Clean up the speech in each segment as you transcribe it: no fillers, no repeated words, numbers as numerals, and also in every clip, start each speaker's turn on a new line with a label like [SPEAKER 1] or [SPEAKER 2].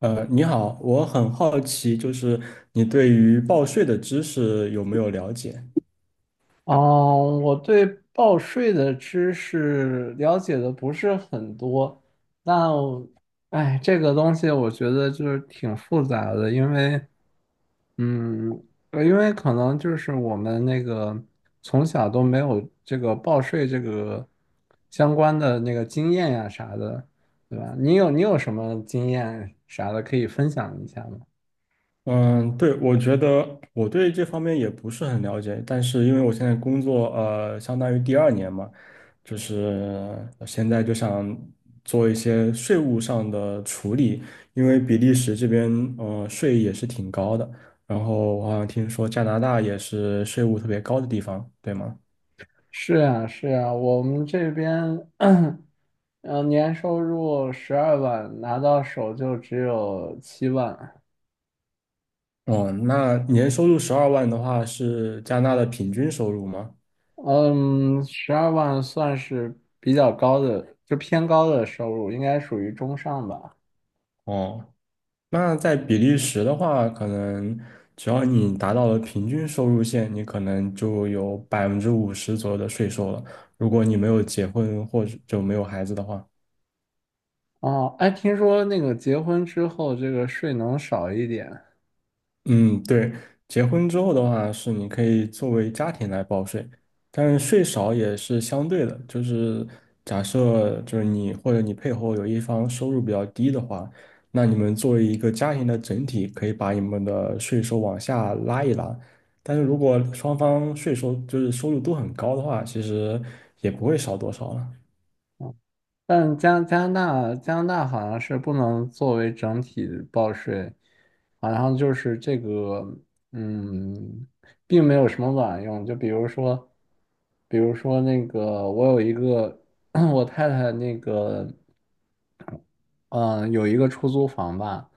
[SPEAKER 1] 你好，我很好奇，你对于报税的知识有没有了解？
[SPEAKER 2] 哦，我对报税的知识了解的不是很多，那，我，哎，这个东西我觉得就是挺复杂的，因为，嗯，因为可能就是我们那个从小都没有这个报税这个相关的那个经验呀啥的，对吧？你有什么经验啥的可以分享一下吗？
[SPEAKER 1] 嗯，对，我觉得我对这方面也不是很了解，但是因为我现在工作，相当于第二年嘛，现在就想做一些税务上的处理，因为比利时这边，税也是挺高的，然后我好像听说加拿大也是税务特别高的地方，对吗？
[SPEAKER 2] 是呀，是呀，我们这边 嗯，年收入十二万，拿到手就只有七万。
[SPEAKER 1] 哦，那年收入十二万的话是加拿大的平均收入吗？
[SPEAKER 2] 嗯，十二万算是比较高的，就偏高的收入，应该属于中上吧。
[SPEAKER 1] 哦，那在比利时的话，可能只要你达到了平均收入线，你可能就有百分之五十左右的税收了。如果你没有结婚或者就没有孩子的话，
[SPEAKER 2] 哦，哎，听说那个结婚之后，这个税能少一点。
[SPEAKER 1] 嗯，对，结婚之后的话是你可以作为家庭来报税，但是税少也是相对的，假设你或者你配偶有一方收入比较低的话，那你们作为一个家庭的整体，可以把你们的税收往下拉一拉。但是如果双方税收收入都很高的话，其实也不会少多少了。
[SPEAKER 2] 但加拿大好像是不能作为整体报税，好像就是这个，嗯，并没有什么卵用。就比如说，比如说那个，我有一个 我太太那个，嗯、有一个出租房吧，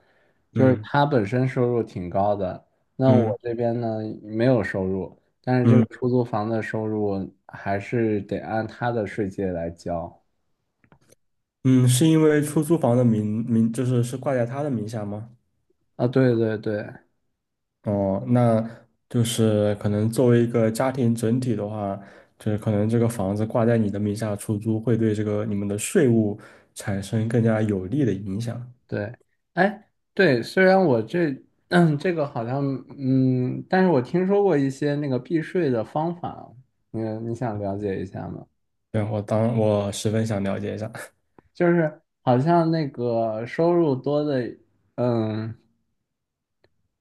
[SPEAKER 2] 就是
[SPEAKER 1] 嗯。
[SPEAKER 2] 她本身收入挺高的，那
[SPEAKER 1] 嗯。
[SPEAKER 2] 我这边呢没有收入，但是这
[SPEAKER 1] 嗯。
[SPEAKER 2] 个出租房的收入还是得按他的税阶来交。
[SPEAKER 1] 嗯，是因为出租房的名是挂在他的名下吗？
[SPEAKER 2] 啊，对对对。
[SPEAKER 1] 哦，那就是可能作为一个家庭整体的话，就是可能这个房子挂在你的名下出租，会对这个你们的税务产生更加有利的影响。
[SPEAKER 2] 对，哎，对，虽然我这，嗯这个好像，嗯，但是我听说过一些那个避税的方法，你你想了解一下吗？
[SPEAKER 1] 对，我十分想了解一下。
[SPEAKER 2] 就是好像那个收入多的，嗯，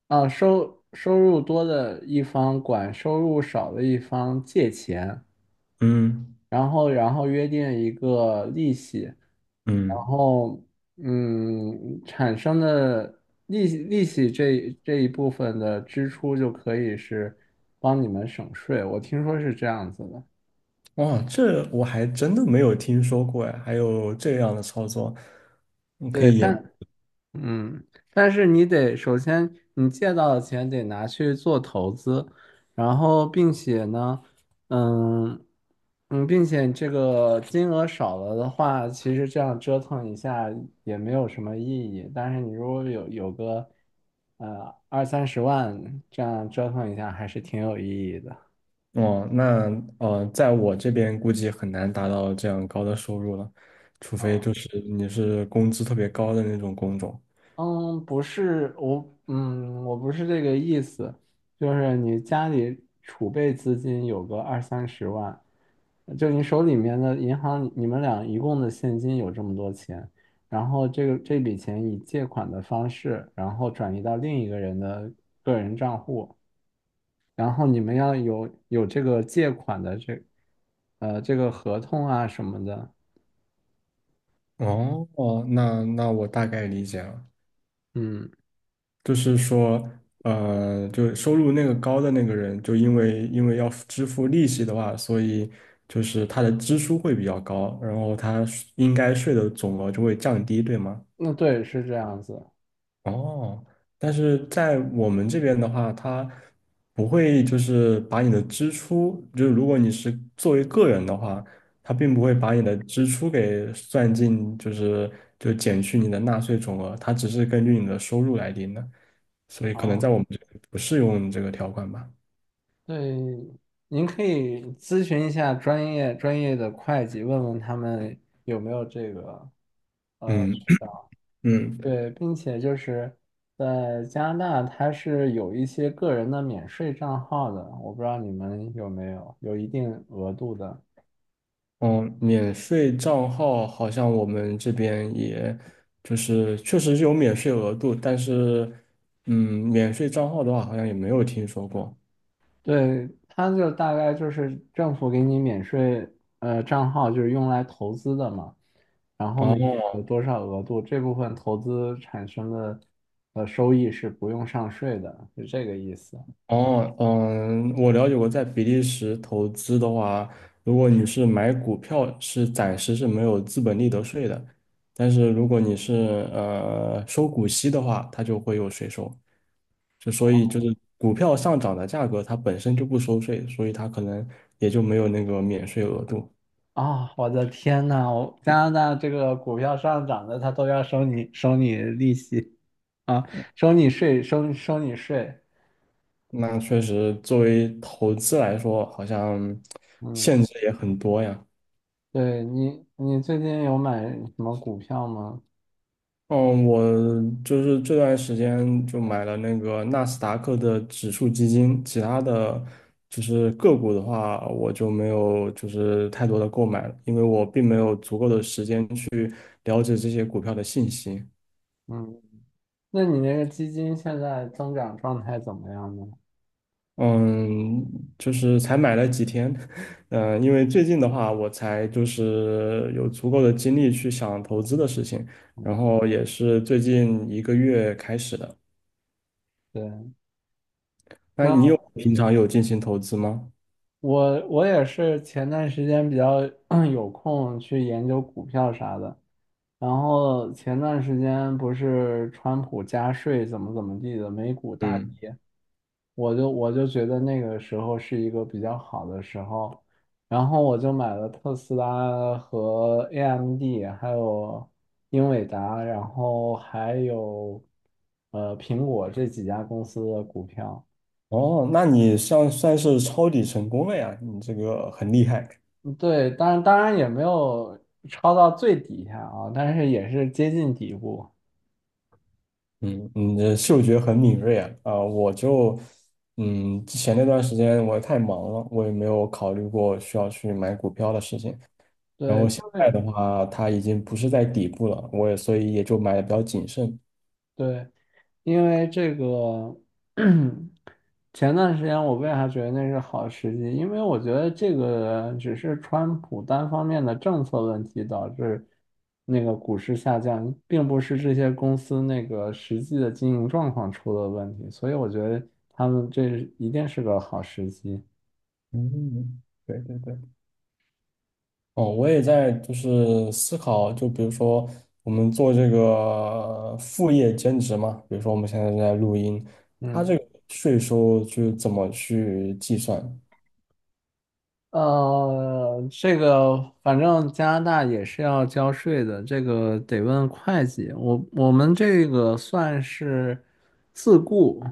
[SPEAKER 2] 啊，收入多的一方管收入少的一方借钱，
[SPEAKER 1] 嗯。
[SPEAKER 2] 然后约定一个利息。然
[SPEAKER 1] 嗯。
[SPEAKER 2] 后，嗯，产生的利息这一部分的支出就可以是帮你们省税，我听说是这样子的。
[SPEAKER 1] 哇，这我还真的没有听说过呀，还有这样的操作，你可
[SPEAKER 2] 对，
[SPEAKER 1] 以研。
[SPEAKER 2] 嗯，但是你得首先你借到的钱得拿去做投资，然后并且呢，嗯嗯，并且这个金额少了的话，其实这样折腾一下也没有什么意义。但是你如果有个二三十万，这样折腾一下还是挺有意义的。
[SPEAKER 1] 哦，那在我这边估计很难达到这样高的收入了，除非
[SPEAKER 2] 啊。
[SPEAKER 1] 就是你是工资特别高的那种工种。
[SPEAKER 2] 嗯，不是我，嗯，我不是这个意思，就是你家里储备资金有个二三十万，就你手里面的银行，你们俩一共的现金有这么多钱，然后这个这笔钱以借款的方式，然后转移到另一个人的个人账户，然后你们要有这个借款的这，呃，这个合同啊什么的，
[SPEAKER 1] 哦哦，那我大概理解了，
[SPEAKER 2] 嗯，
[SPEAKER 1] 就是说，就收入那个高的那个人，就因为要支付利息的话，所以他的支出会比较高，然后他应该税的总额就会降低，对吗？
[SPEAKER 2] 那对，是这样子
[SPEAKER 1] 哦，但是在我们这边的话，它不会就是把你的支出，就是如果你是作为个人的话，它并不会把你的支出给算进，就减去你的纳税总额，它只是根据你的收入来定的，所以可能在我
[SPEAKER 2] 啊，
[SPEAKER 1] 们这里不适用这个条款吧。
[SPEAKER 2] 对，您可以咨询一下专业的会计，问问他们有没有这个
[SPEAKER 1] 嗯。
[SPEAKER 2] 渠 道。
[SPEAKER 1] 嗯，
[SPEAKER 2] 对，并且就是在加拿大，它是有一些个人的免税账号的，我不知道你们有没有，有一定额度的。
[SPEAKER 1] 嗯，免税账号好像我们这边也就是确实是有免税额度，但是嗯，免税账号的话好像也没有听说过。
[SPEAKER 2] 对，它就大概就是政府给你免税，呃，账号就是用来投资的嘛，然后每年
[SPEAKER 1] 哦，
[SPEAKER 2] 有多少额度，这部分投资产生的呃收益是不用上税的，是这个意思
[SPEAKER 1] 哦，嗯，我了解过，在比利时投资的话，如果你是买股票，是暂时是没有资本利得税的，但是如果你是收股息的话，它就会有税收。所以股票上涨的价格，它本身就不收税，所以它可能也就没有那个免税额度。
[SPEAKER 2] 啊，我的天呐，我加拿大这个股票上涨的，它都要收你利息啊，收你税，收你税。
[SPEAKER 1] 那确实，作为投资来说，好像
[SPEAKER 2] 嗯，
[SPEAKER 1] 限制也很多呀。
[SPEAKER 2] 对你，你最近有买什么股票吗？
[SPEAKER 1] 嗯，我这段时间就买了那个纳斯达克的指数基金，其他的个股的话，我就没有太多的购买了，因为我并没有足够的时间去了解这些股票的信息。
[SPEAKER 2] 嗯。那你那个基金现在增长状态怎么样呢？
[SPEAKER 1] 嗯，才买了几天，嗯，因为最近的话，我才有足够的精力去想投资的事情，然后也是最近一个月开始的。
[SPEAKER 2] 对，
[SPEAKER 1] 那你
[SPEAKER 2] 那
[SPEAKER 1] 有平常有进行投资吗？
[SPEAKER 2] 我也是前段时间比较 有空去研究股票啥的，然后前段时间不是川普加税怎么怎么地的，美股大
[SPEAKER 1] 嗯。
[SPEAKER 2] 跌，我就觉得那个时候是一个比较好的时候，然后我就买了特斯拉和 AMD，还有英伟达，然后还有苹果这几家公司的股票。
[SPEAKER 1] 哦，那你算是抄底成功了呀，你这个很厉害，
[SPEAKER 2] 嗯对，当然也没有抄到最底下啊，但是也是接近底部。
[SPEAKER 1] 嗯，你的嗅觉很敏锐啊，啊，我就，嗯，之前那段时间我太忙了，我也没有考虑过需要去买股票的事情，然
[SPEAKER 2] 对，
[SPEAKER 1] 后
[SPEAKER 2] 因
[SPEAKER 1] 现在
[SPEAKER 2] 为。
[SPEAKER 1] 的话，它已经不是在底部了，我也所以也就买的比较谨慎，
[SPEAKER 2] 对，因为这个 前段时间我为啥觉得那是好时机？因为我觉得这个只是川普单方面的政策问题导致那个股市下降，并不是这些公司那个实际的经营状况出了问题，所以我觉得他们这一定是个好时机。
[SPEAKER 1] 嗯，对对对。哦，我也在思考，就比如说我们做这个副业兼职嘛，比如说我们现在正在录音，它
[SPEAKER 2] 嗯。
[SPEAKER 1] 这个税收就怎么去计算？
[SPEAKER 2] 呃，这个反正加拿大也是要交税的，这个得问会计。我们这个算是自雇，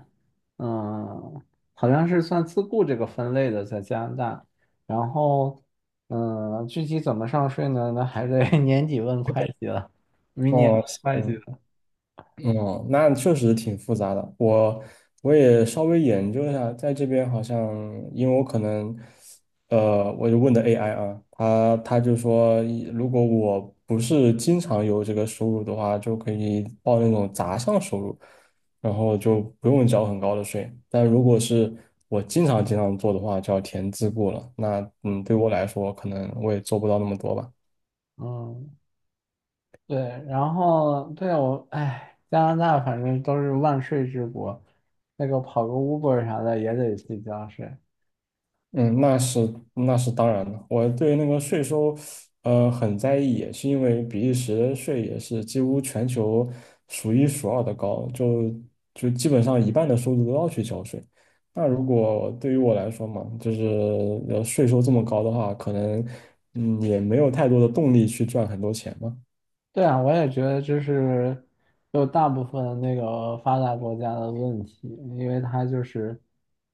[SPEAKER 2] 嗯、好像是算自雇这个分类的，在加拿大。然后，嗯、具体怎么上税呢？那还得 年底问会计了，明年
[SPEAKER 1] 哦。
[SPEAKER 2] 问会计
[SPEAKER 1] 行。
[SPEAKER 2] 了。
[SPEAKER 1] 哦，那确实挺复杂的。我也稍微研究一下，在这边好像，因为我可能，我就问的 AI 啊，他就说，如果我不是经常有这个收入的话，就可以报那种杂项收入，然后就不用交很高的税。但如果是我经常做的话，就要填自雇了。那嗯，对我来说，可能我也做不到那么多吧。
[SPEAKER 2] 嗯。对，然后对我，哎，加拿大反正都是万税之国，那个跑个 Uber 啥的也得去己交税。
[SPEAKER 1] 嗯，那是那是当然的。我对那个税收，很在意，也是因为比利时的税也是几乎全球数一数二的高，基本上一半的收入都要去交税。那如果对于我来说嘛，税收这么高的话，可能嗯也没有太多的动力去赚很多钱嘛。
[SPEAKER 2] 对啊，我也觉得这是就大部分那个发达国家的问题，因为它就是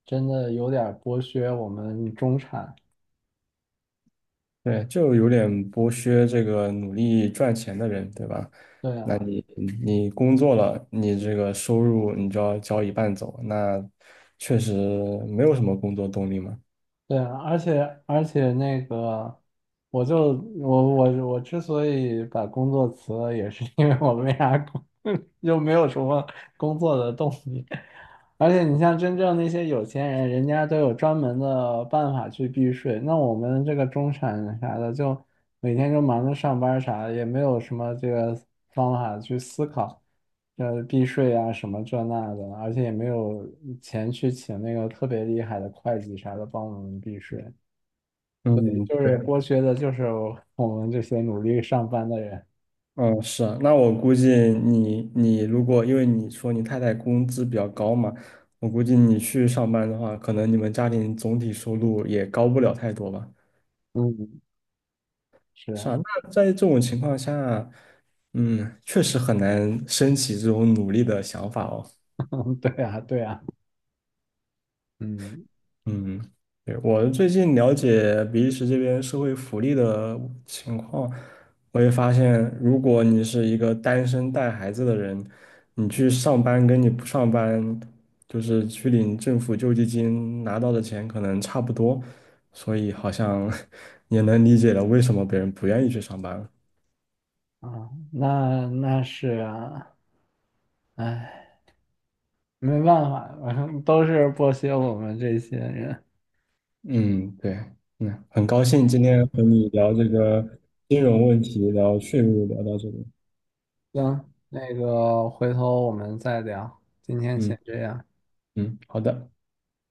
[SPEAKER 2] 真的有点儿剥削我们中产。
[SPEAKER 1] 对，就有点剥削这个努力赚钱的人，对吧？
[SPEAKER 2] 对
[SPEAKER 1] 那
[SPEAKER 2] 啊，
[SPEAKER 1] 你工作了，你这个收入你就要交一半走，那确实没有什么工作动力嘛。
[SPEAKER 2] 对啊，而且那个，我就我我我之所以把工作辞了，也是因为我没啥工，又没有什么工作的动力。而且你像真正那些有钱人，人家都有专门的办法去避税。那我们这个中产人啥的，就每天就忙着上班儿啥的，也没有什么这个方法去思考，呃，避税啊什么这那的，而且也没有钱去请那个特别厉害的会计啥的帮我们避税，
[SPEAKER 1] 嗯，
[SPEAKER 2] 就
[SPEAKER 1] 对，
[SPEAKER 2] 是剥削的就是我 们这些努力上班的人。
[SPEAKER 1] 嗯，是啊，那我估计你如果因为你说你太太工资比较高嘛，我估计你去上班的话，可能你们家庭总体收入也高不了太多吧。
[SPEAKER 2] 嗯，是
[SPEAKER 1] 是啊，
[SPEAKER 2] 啊，
[SPEAKER 1] 那在这种情况下，嗯，确实很难升起这种努力的想法哦。
[SPEAKER 2] 对啊，对啊，嗯
[SPEAKER 1] 嗯，对，我最近了解比利时这边社会福利的情况，我也发现，如果你是一个单身带孩子的人，你去上班跟你不上班，就是去领政府救济金拿到的钱可能差不多，所以好像 也能理解了为什么别人不愿意去上班了。
[SPEAKER 2] 啊，那那是啊，哎。没办法，反正都是剥削我们这些人。
[SPEAKER 1] 嗯，对，嗯，很高兴今天和你聊这个金融问题，聊税务，聊到这里。
[SPEAKER 2] 行，那个回头我们再聊，今天
[SPEAKER 1] 嗯。
[SPEAKER 2] 先这样。
[SPEAKER 1] 嗯，好的。